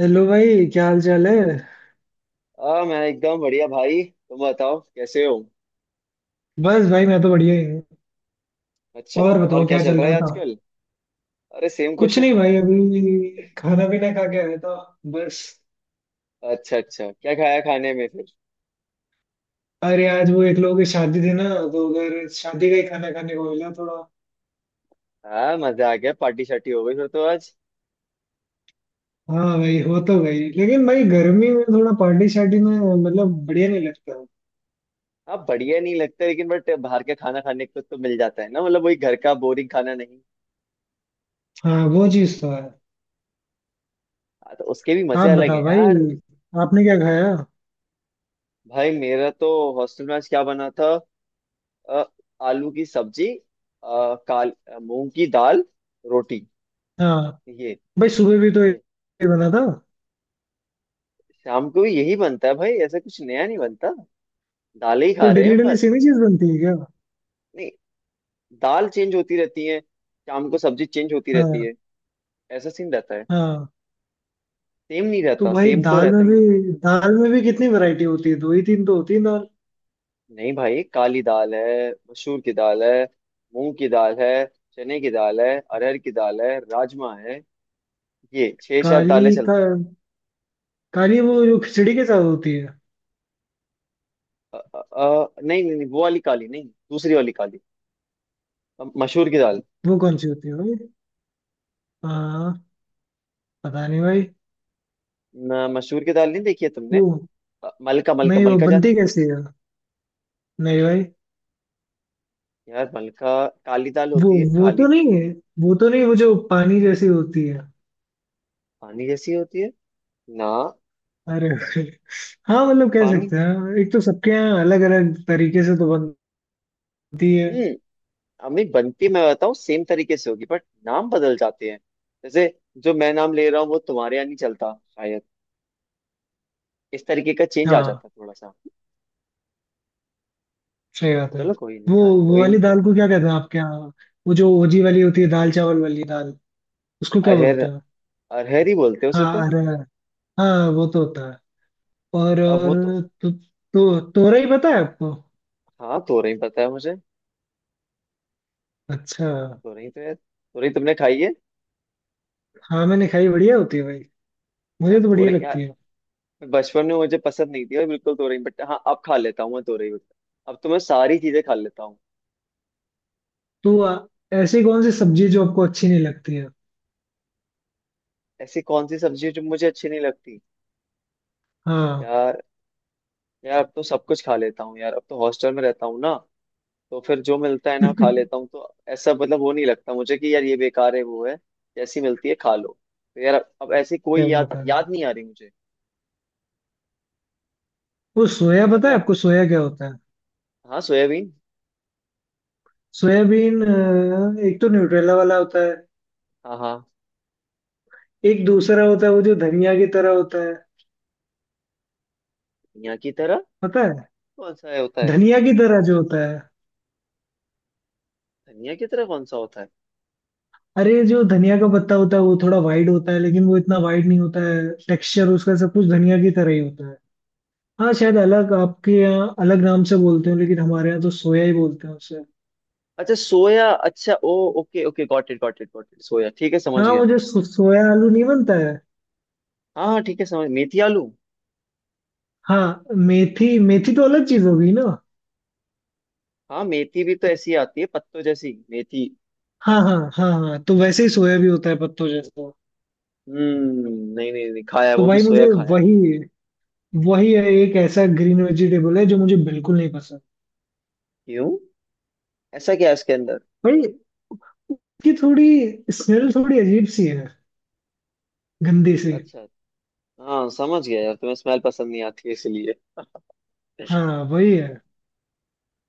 Hello भाई, क्या हाल चाल है? मैं एकदम बढ़िया भाई। तुम बताओ कैसे हो। बस भाई, मैं तो बढ़िया ही हूँ। अच्छा। और और बताओ क्या क्या चल चल रहा है रहा था? आजकल। अरे सेम कुछ क्वेश्चन। नहीं भाई, अभी खाना पीना खा के आया था बस। अच्छा अच्छा, क्या खाया खाने में फिर। अरे आज वो एक लोगों की शादी थी ना। तो उधर शादी का ही खाना खाने को मिला थोड़ा। हाँ, मजा आ गया। पार्टी शार्टी हो गई फिर तो आज। हाँ भाई, हो तो गई, लेकिन भाई गर्मी में थोड़ा पार्टी शार्टी में, मतलब बढ़िया नहीं लगता। हाँ बढ़िया नहीं लगता लेकिन बट बाहर का खाना खाने को तो मिल जाता है ना, मतलब वही घर का बोरिंग खाना नहीं। हाँ, वो चीज तो है। हाँ, तो उसके भी मजे आप अलग है बताओ भाई, यार। आपने क्या खाया? भाई मेरा तो हॉस्टल में आज क्या बना था। अ, आलू की सब्जी। मूंग की दाल, रोटी। हाँ ये भाई, सुबह भी तो एक ये। बना था। शाम को भी यही बनता है भाई, ऐसा कुछ नया नहीं बनता। दालें ही तो खा रहे हैं डेली हम डेली बस। सेम ही चीज बनती है क्या? नहीं, दाल चेंज होती रहती है, शाम को सब्जी चेंज होती रहती हाँ, है। ऐसा सीन रहता है। हाँ। सेम नहीं तो रहता, भाई, सेम तो दाल रहता में ही नहीं है। भी दाल में भी कितनी वैरायटी होती है, दो ही तीन तो होती है दाल। नहीं भाई, काली दाल है, मसूर की दाल है, मूंग की दाल है, चने की दाल है, अरहर की दाल है, राजमा है। ये छह सात दालें काली का। चलती हैं। काली वो जो खिचड़ी के साथ होती है? नहीं नहीं नहीं, वो वाली काली नहीं, दूसरी वाली काली। मसूर की दाल। वो कौन सी होती है भाई? हाँ। पता नहीं भाई। न, मसूर की दाल नहीं देखी है तुमने। वो, मलका मलका नहीं, वो मलका बनती जानते हो? कैसी है? नहीं भाई। यार मलका, काली दाल वो होती है, वो काली तो दाल। नहीं है। वो तो नहीं, वो जो पानी जैसी होती है। पानी जैसी होती है ना। अरे भाई। हाँ मतलब कह पानी। सकते हैं, एक तो सबके यहाँ अलग अलग तरीके से तो बनती है। हम्म। अम्मी बनती मैं बताऊँ सेम तरीके से होगी बट नाम बदल जाते हैं। जैसे जो मैं नाम ले रहा हूँ वो तुम्हारे यहाँ नहीं चलता शायद। इस तरीके का चेंज आ हाँ, जाता थोड़ा सा। सही बात है। चलो कोई नहीं वो यार, वो कोई वाली नहीं, कोई दाल नहीं। को क्या कहते हैं आपके यहाँ? वो जो ओजी वाली होती है, दाल चावल वाली दाल। उसको क्या अरहर, बोलते हैं? अरहर ही बोलते हैं उसे हाँ, तो। अरे। हाँ, वो तो होता है। और अब वो तो। और तो तोरई पता है आपको? हाँ तोरई पता है मुझे। अच्छा। तोरई तो यार, तोरई तुमने खाई है। हाँ मैंने खाई, बढ़िया होती है भाई। हाँ मुझे तो बढ़िया तोरई लगती यार, है। बचपन में मुझे पसंद नहीं थी और बिल्कुल तोरई बट हाँ, अब खा लेता हूँ मैं तोरई। अब तो मैं सारी चीजें खा लेता हूँ। तो ऐसी कौन सी सब्जी जो आपको अच्छी नहीं लगती है? ऐसी कौन सी सब्जी है जो मुझे अच्छी नहीं लगती। हाँ। यार, यार अब तो सब कुछ खा लेता हूँ यार, अब तो हॉस्टल में रहता हूँ ना, तो फिर जो मिलता है ना क्या? खा लेता हूँ। तो ऐसा मतलब वो नहीं लगता मुझे कि यार ये बेकार है, वो है। जैसी मिलती है खा लो। तो यार अब ऐसी कोई याद बता रहे हैं? याद नहीं आ रही मुझे। वो सोया पता पता है है। आपको? सोया क्या होता है? हाँ सोयाबीन। सोयाबीन। एक तो न्यूट्रेला वाला होता है। हाँ हाँ। एक दूसरा होता है, वो जो धनिया की तरह होता है। धनिया की तरह पता है? कौन सा है होता है। धनिया की तरह जो होता है। धनिया की तरह कौन सा होता है। अरे जो धनिया का पत्ता होता है वो थोड़ा वाइड होता है, लेकिन वो इतना वाइड नहीं होता है। टेक्सचर उसका सब कुछ धनिया की तरह ही होता है। हाँ शायद अलग, आपके यहाँ अलग नाम से बोलते हो, लेकिन हमारे यहाँ तो सोया ही बोलते हैं उसे। अच्छा सोया, अच्छा oh. Okay okay, got it got it got it, soya ठीक है, समझ हाँ, गया वो मैं। जो सोया आलू नहीं बनता है? हाँ हाँ ठीक है, समझ। मेथी आलू। हाँ मेथी, मेथी तो अलग चीज होगी ना। हाँ मेथी भी तो ऐसी आती है पत्तों जैसी मेथी। हाँ, हाँ, हाँ, हाँ, तो वैसे ही सोया भी होता है पत्तों जैसा। हम्म। नहीं नहीं नहीं खाया है, तो वो भी भाई, सोया मुझे खाया है। वही, वही है, एक ऐसा ग्रीन वेजिटेबल है जो मुझे बिल्कुल नहीं पसंद। क्यों। ऐसा क्या है इसके अंदर। भाई, उसकी थोड़ी स्मेल थोड़ी अजीब सी है, गंदी सी। अच्छा। हाँ समझ गया यार, तुम्हें स्मेल पसंद नहीं आती है इसलिए। हाँ वही है।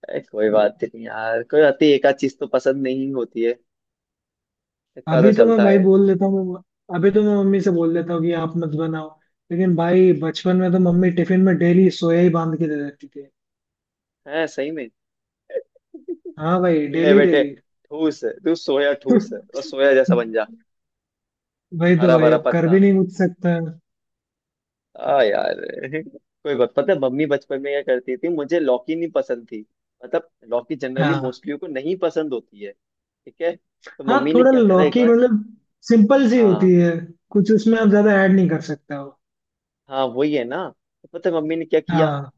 अरे, कोई बात नहीं यार, कोई बात नहीं, एक आध चीज तो पसंद नहीं होती है। इतना तो अभी तो मैं चलता भाई है। बोल देता हूँ। अभी तो मैं मम्मी से बोल देता हूँ कि आप मत बनाओ। लेकिन भाई बचपन में तो मम्मी टिफिन में डेली सोया ही बांध के दे देती थी। है सही में। हाँ भाई, ले डेली बेटे, डेली। ठूस, तू सोया ठूस और सोया जैसा बन जा। भाई, तो हरा भाई भरा अब कर पत्ता। भी नहीं कुछ सकता है। आ यार, कोई बात पता है मम्मी बचपन में क्या करती थी। मुझे लौकी नहीं पसंद थी, मतलब लौकी जनरली हाँ, मोस्टली को नहीं पसंद होती है, ठीक है। तो हाँ, मम्मी ने थोड़ा क्या करा एक लौकी बार। मतलब सिंपल सी हाँ होती है। कुछ उसमें आप ज्यादा ऐड नहीं कर सकते हो। हाँ, वही है ना। तो पता है मम्मी ने क्या किया। हाँ।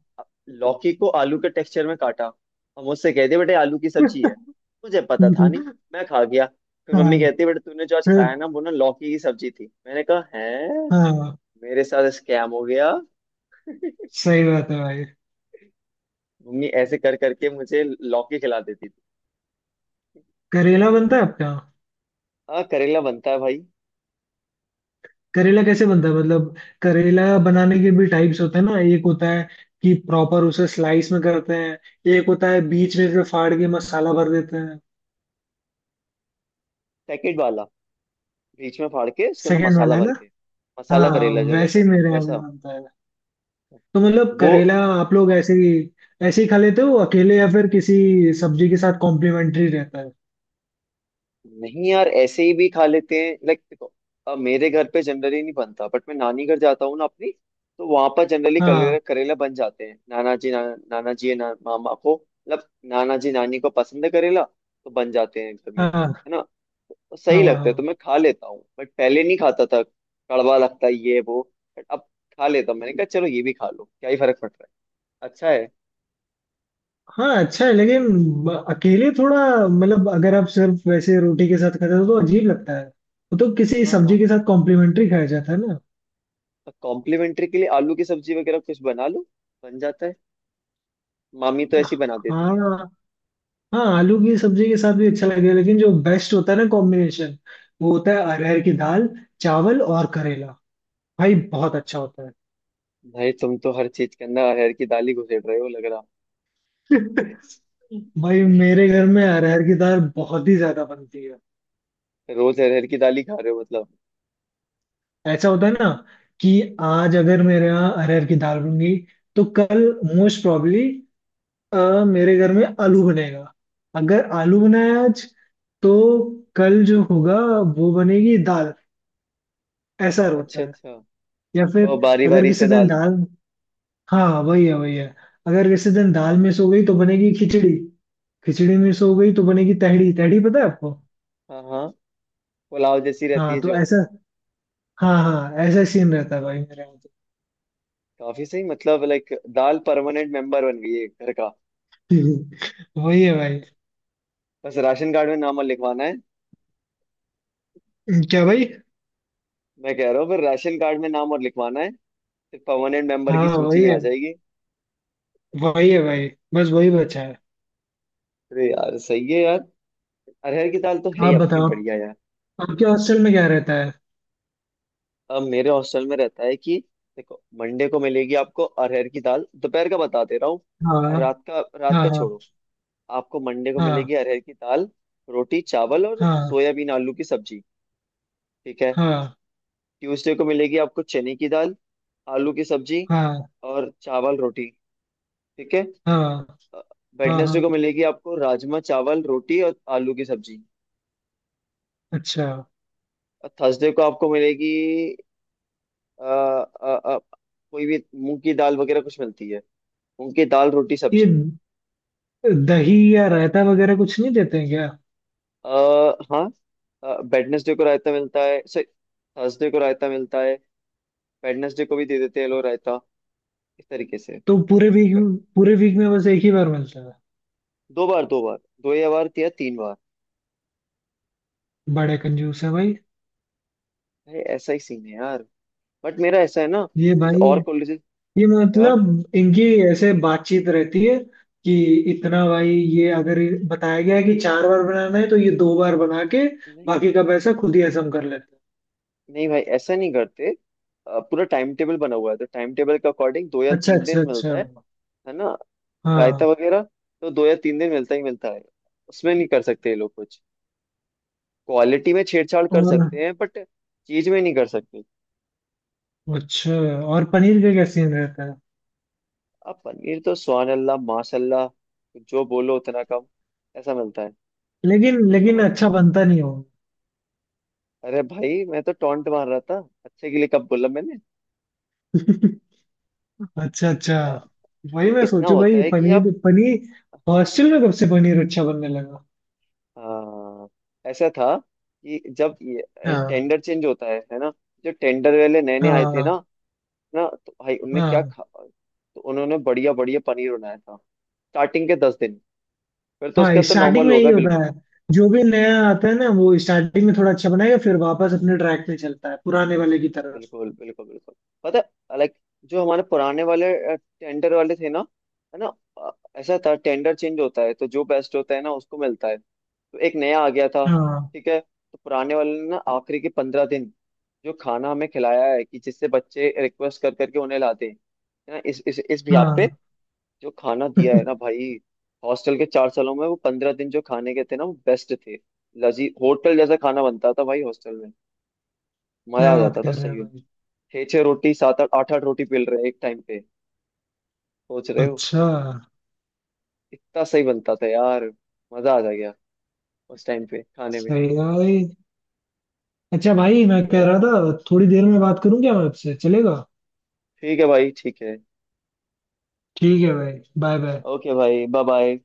लौकी को आलू के टेक्सचर में काटा और मुझसे कहते बेटे आलू की सब्जी है। मुझे पता था नहीं, मैं खा गया। फिर हाँ, मम्मी कहती बेटे तूने जो आज फिर। खाया ना, वो ना लौकी की सब्जी थी। मैंने कहा है, हाँ, मेरे साथ स्कैम हो गया। सही बात है भाई। मम्मी ऐसे कर करके मुझे लौकी खिला देती थी। करेला बनता है आपका? हाँ करेला बनता है भाई। करेला कैसे बनता है मतलब? करेला बनाने के भी टाइप्स होते हैं ना, एक होता है कि प्रॉपर उसे स्लाइस में करते हैं। एक होता है बीच में से फाड़ के मसाला भर देते हैं। पैकेट वाला, बीच में फाड़ के उसके अंदर सेकंड मसाला वाला है भर ना? के, मसाला हाँ, करेला जो वैसे रहता है ही ना मेरे यहाँ भी वैसा। बनता है। तो मतलब वो। करेला आप लोग ऐसे ही खा लेते हो अकेले, या फिर किसी सब्जी के साथ कॉम्प्लीमेंट्री रहता है? नहीं यार, ऐसे ही भी खा लेते हैं लाइक। देखो अब मेरे घर पे जनरली नहीं बनता बट मैं नानी घर जाता हूँ ना अपनी, तो वहां पर जनरली करेला हाँ, करेला बन जाते हैं। नाना जी ना, मामा को मतलब नाना जी नानी को पसंद है करेला, तो बन जाते हैं घर में, हाँ, हाँ, है ना। तो हाँ, सही लगता है तो हाँ, मैं खा लेता हूँ बट पहले नहीं खाता था, कड़वा लगता है ये वो। बट अब खा लेता हूँ। मैंने कहा चलो ये भी खा लो, क्या ही फर्क पड़ रहा है। अच्छा है। हाँ। अच्छा है, लेकिन अकेले थोड़ा, मतलब अगर आप सिर्फ वैसे रोटी के साथ खाते हो तो अजीब लगता है। वो तो किसी हाँ सब्जी हाँ। के साथ कॉम्प्लीमेंट्री खाया जाता है ना। तो कॉम्प्लीमेंट्री के लिए आलू की सब्जी वगैरह कुछ बना लो, बन जाता है। मामी तो ऐसी बना देती है। हाँ, हाँ, आलू की सब्जी के साथ भी अच्छा लगेगा, लेकिन जो बेस्ट होता है ना कॉम्बिनेशन, वो होता है अरहर की दाल, चावल और करेला। भाई बहुत अच्छा होता है। भाई तुम तो हर चीज के अंदर अरहर की दाल ही घुसेड़ रहे हो लग रहा। भाई, मेरे घर में अरहर की दाल बहुत ही ज्यादा बनती है। रोज अरहर की दाल ही खा रहे हो मतलब। ऐसा होता है ना कि आज अगर मेरे यहाँ अरहर की दाल बन गई, तो कल मोस्ट प्रॉबली मेरे घर में आलू बनेगा। अगर आलू बनाया आज, तो कल जो होगा वो बनेगी दाल। ऐसा होता अच्छा है। अच्छा। या फिर और बारी अगर बारी किसी से दिन दाल। दाल, हाँ वही है, वही है। अगर किसी दिन दाल मिस हो गई तो बनेगी खिचड़ी। खिचड़ी मिस हो गई तो बनेगी तहड़ी। तहड़ी पता है आपको? हाँ हाँ। पुलाव जैसी रहती हाँ, है तो जो। ऐसा। हाँ, हाँ, ऐसा सीन रहता है भाई मेरे यहाँ। काफी सही, मतलब लाइक दाल परमानेंट मेंबर बन गई है घर का। तो वही है हम्म, भाई। बस राशन कार्ड में नाम और लिखवाना है। क्या भाई? मैं कह रहा हूँ फिर राशन कार्ड में नाम और लिखवाना है, फिर परमानेंट मेंबर हाँ की सूची वही में है, आ जाएगी। वही है भाई, बस वही बचा है। अरे यार सही है यार, अरहर की दाल तो है ही आप अपनी बताओ, बढ़िया यार। आपके हॉस्टल में क्या रहता है? अब मेरे हॉस्टल में रहता है कि देखो, मंडे को मिलेगी आपको अरहर की दाल, दोपहर का बता दे रहा हूँ, हाँ, रात का, रात हाँ, का हाँ, छोड़ो। आपको मंडे को हाँ, मिलेगी अरहर की दाल, रोटी चावल और हाँ, सोयाबीन आलू की सब्जी। ठीक है। हाँ, ट्यूसडे को मिलेगी आपको चने की दाल, आलू की सब्जी हाँ, और चावल रोटी। ठीक है। हाँ, हाँ, वेडनेसडे हाँ। को मिलेगी आपको राजमा चावल रोटी और आलू की सब्जी। अच्छा, और थर्सडे को आपको मिलेगी अ, अ, अ, कोई भी मूंग की दाल वगैरह कुछ मिलती है। मूंग की दाल रोटी ये सब्जी। दही या रायता वगैरह कुछ नहीं देते हैं क्या? अ, हाँ, वेडनेसडे को रायता मिलता है, सॉरी थर्सडे को रायता मिलता है। वेडनेसडे को भी दे देते हैं लोग रायता, इस तरीके से। तो पूरे वीक वे- पूरे वीक में बस एक ही बार मिलता है? दो बार, दो बार, दो या बार या तीन बार। बड़े कंजूस है भाई। भाई ऐसा ही सीन है यार। बट मेरा ऐसा है ना, ये जैसे भाई, और कॉलेजेस। ये क्या। मतलब इनकी ऐसे बातचीत रहती है कि इतना भाई, ये अगर बताया गया है कि चार बार बनाना है तो ये दो बार बना के नहीं बाकी का पैसा खुद ही हजम कर लेते नहीं भाई, ऐसा नहीं करते। पूरा टाइम टेबल बना हुआ है तो टाइम टेबल के अकॉर्डिंग दो या हैं? अच्छा, तीन दिन अच्छा, अच्छा। मिलता है ना। रायता हाँ। वगैरह तो दो या तीन दिन मिलता ही मिलता है। उसमें नहीं कर सकते ये लोग कुछ, क्वालिटी में छेड़छाड़ कर और। सकते हैं बट चीज में नहीं कर सकते। अच्छा, और पनीर का क्या सीन रहता है? अब पनीर तो सुभान अल्लाह माशाल्लाह, जो बोलो उतना कम, ऐसा मिलता है। लेकिन लेकिन समझ। अच्छा बनता नहीं हो? अरे भाई मैं तो टॉन्ट मार रहा था, अच्छे के लिए कब बोला मैंने। अच्छा, अच्छा। अ, वही मतलब मैं इतना सोचू होता भाई, है कि पनीर आप। पनीर हॉस्टल में कब से पनीर अच्छा बनने लगा? हाँ, ऐसा था कि जब ये हाँ, टेंडर चेंज होता है ना, जो टेंडर वाले नए नए आए थे हाँ, ना, ना तो भाई उनने क्या हाँ, खा, तो उन्होंने बढ़िया बढ़िया पनीर बनाया था स्टार्टिंग के 10 दिन। फिर तो हाँ, उसका तो स्टार्टिंग नॉर्मल में यही होगा होता बिल्कुल। है। जो भी नया आता है ना वो स्टार्टिंग में थोड़ा अच्छा बनाएगा, फिर वापस हाँ अपने ट्रैक पे चलता है पुराने वाले की तरफ। बिल्कुल बिल्कुल बिल्कुल। पता है लाइक जो हमारे पुराने वाले टेंडर वाले थे ना, है ना। अ, ऐसा था टेंडर चेंज होता है तो जो बेस्ट होता है ना उसको मिलता है। तो एक नया आ गया था, हाँ, ठीक है। तो पुराने वाले ने ना आखिरी के 15 दिन जो खाना हमें खिलाया है कि जिससे बच्चे रिक्वेस्ट कर करके उन्हें लाते हैं, है ना, इस इस बिहाफ पे, हाँ। जो खाना दिया है ना भाई, हॉस्टल के 4 सालों में वो 15 दिन जो खाने के थे ना, वो बेस्ट थे। लजी होटल जैसा खाना बनता था भाई हॉस्टल में। मजा क्या आ बात जाता था कर रहे हैं सही। भाई? छह छह रोटी, सात आठ आठ आठ रोटी पेल रहे हैं एक टाइम पे, सोच रहे हो। अच्छा, इतना सही बनता था यार, मजा आ जा गया उस टाइम पे खाने में। सही है भाई। अच्छा भाई, मैं Yeah. कह रहा था, थोड़ी देर में बात करूं क्या मैं आपसे, चलेगा? ठीक है भाई ठीक है। ठीक है भाई। Bye bye. ओके भाई, बाय बाय।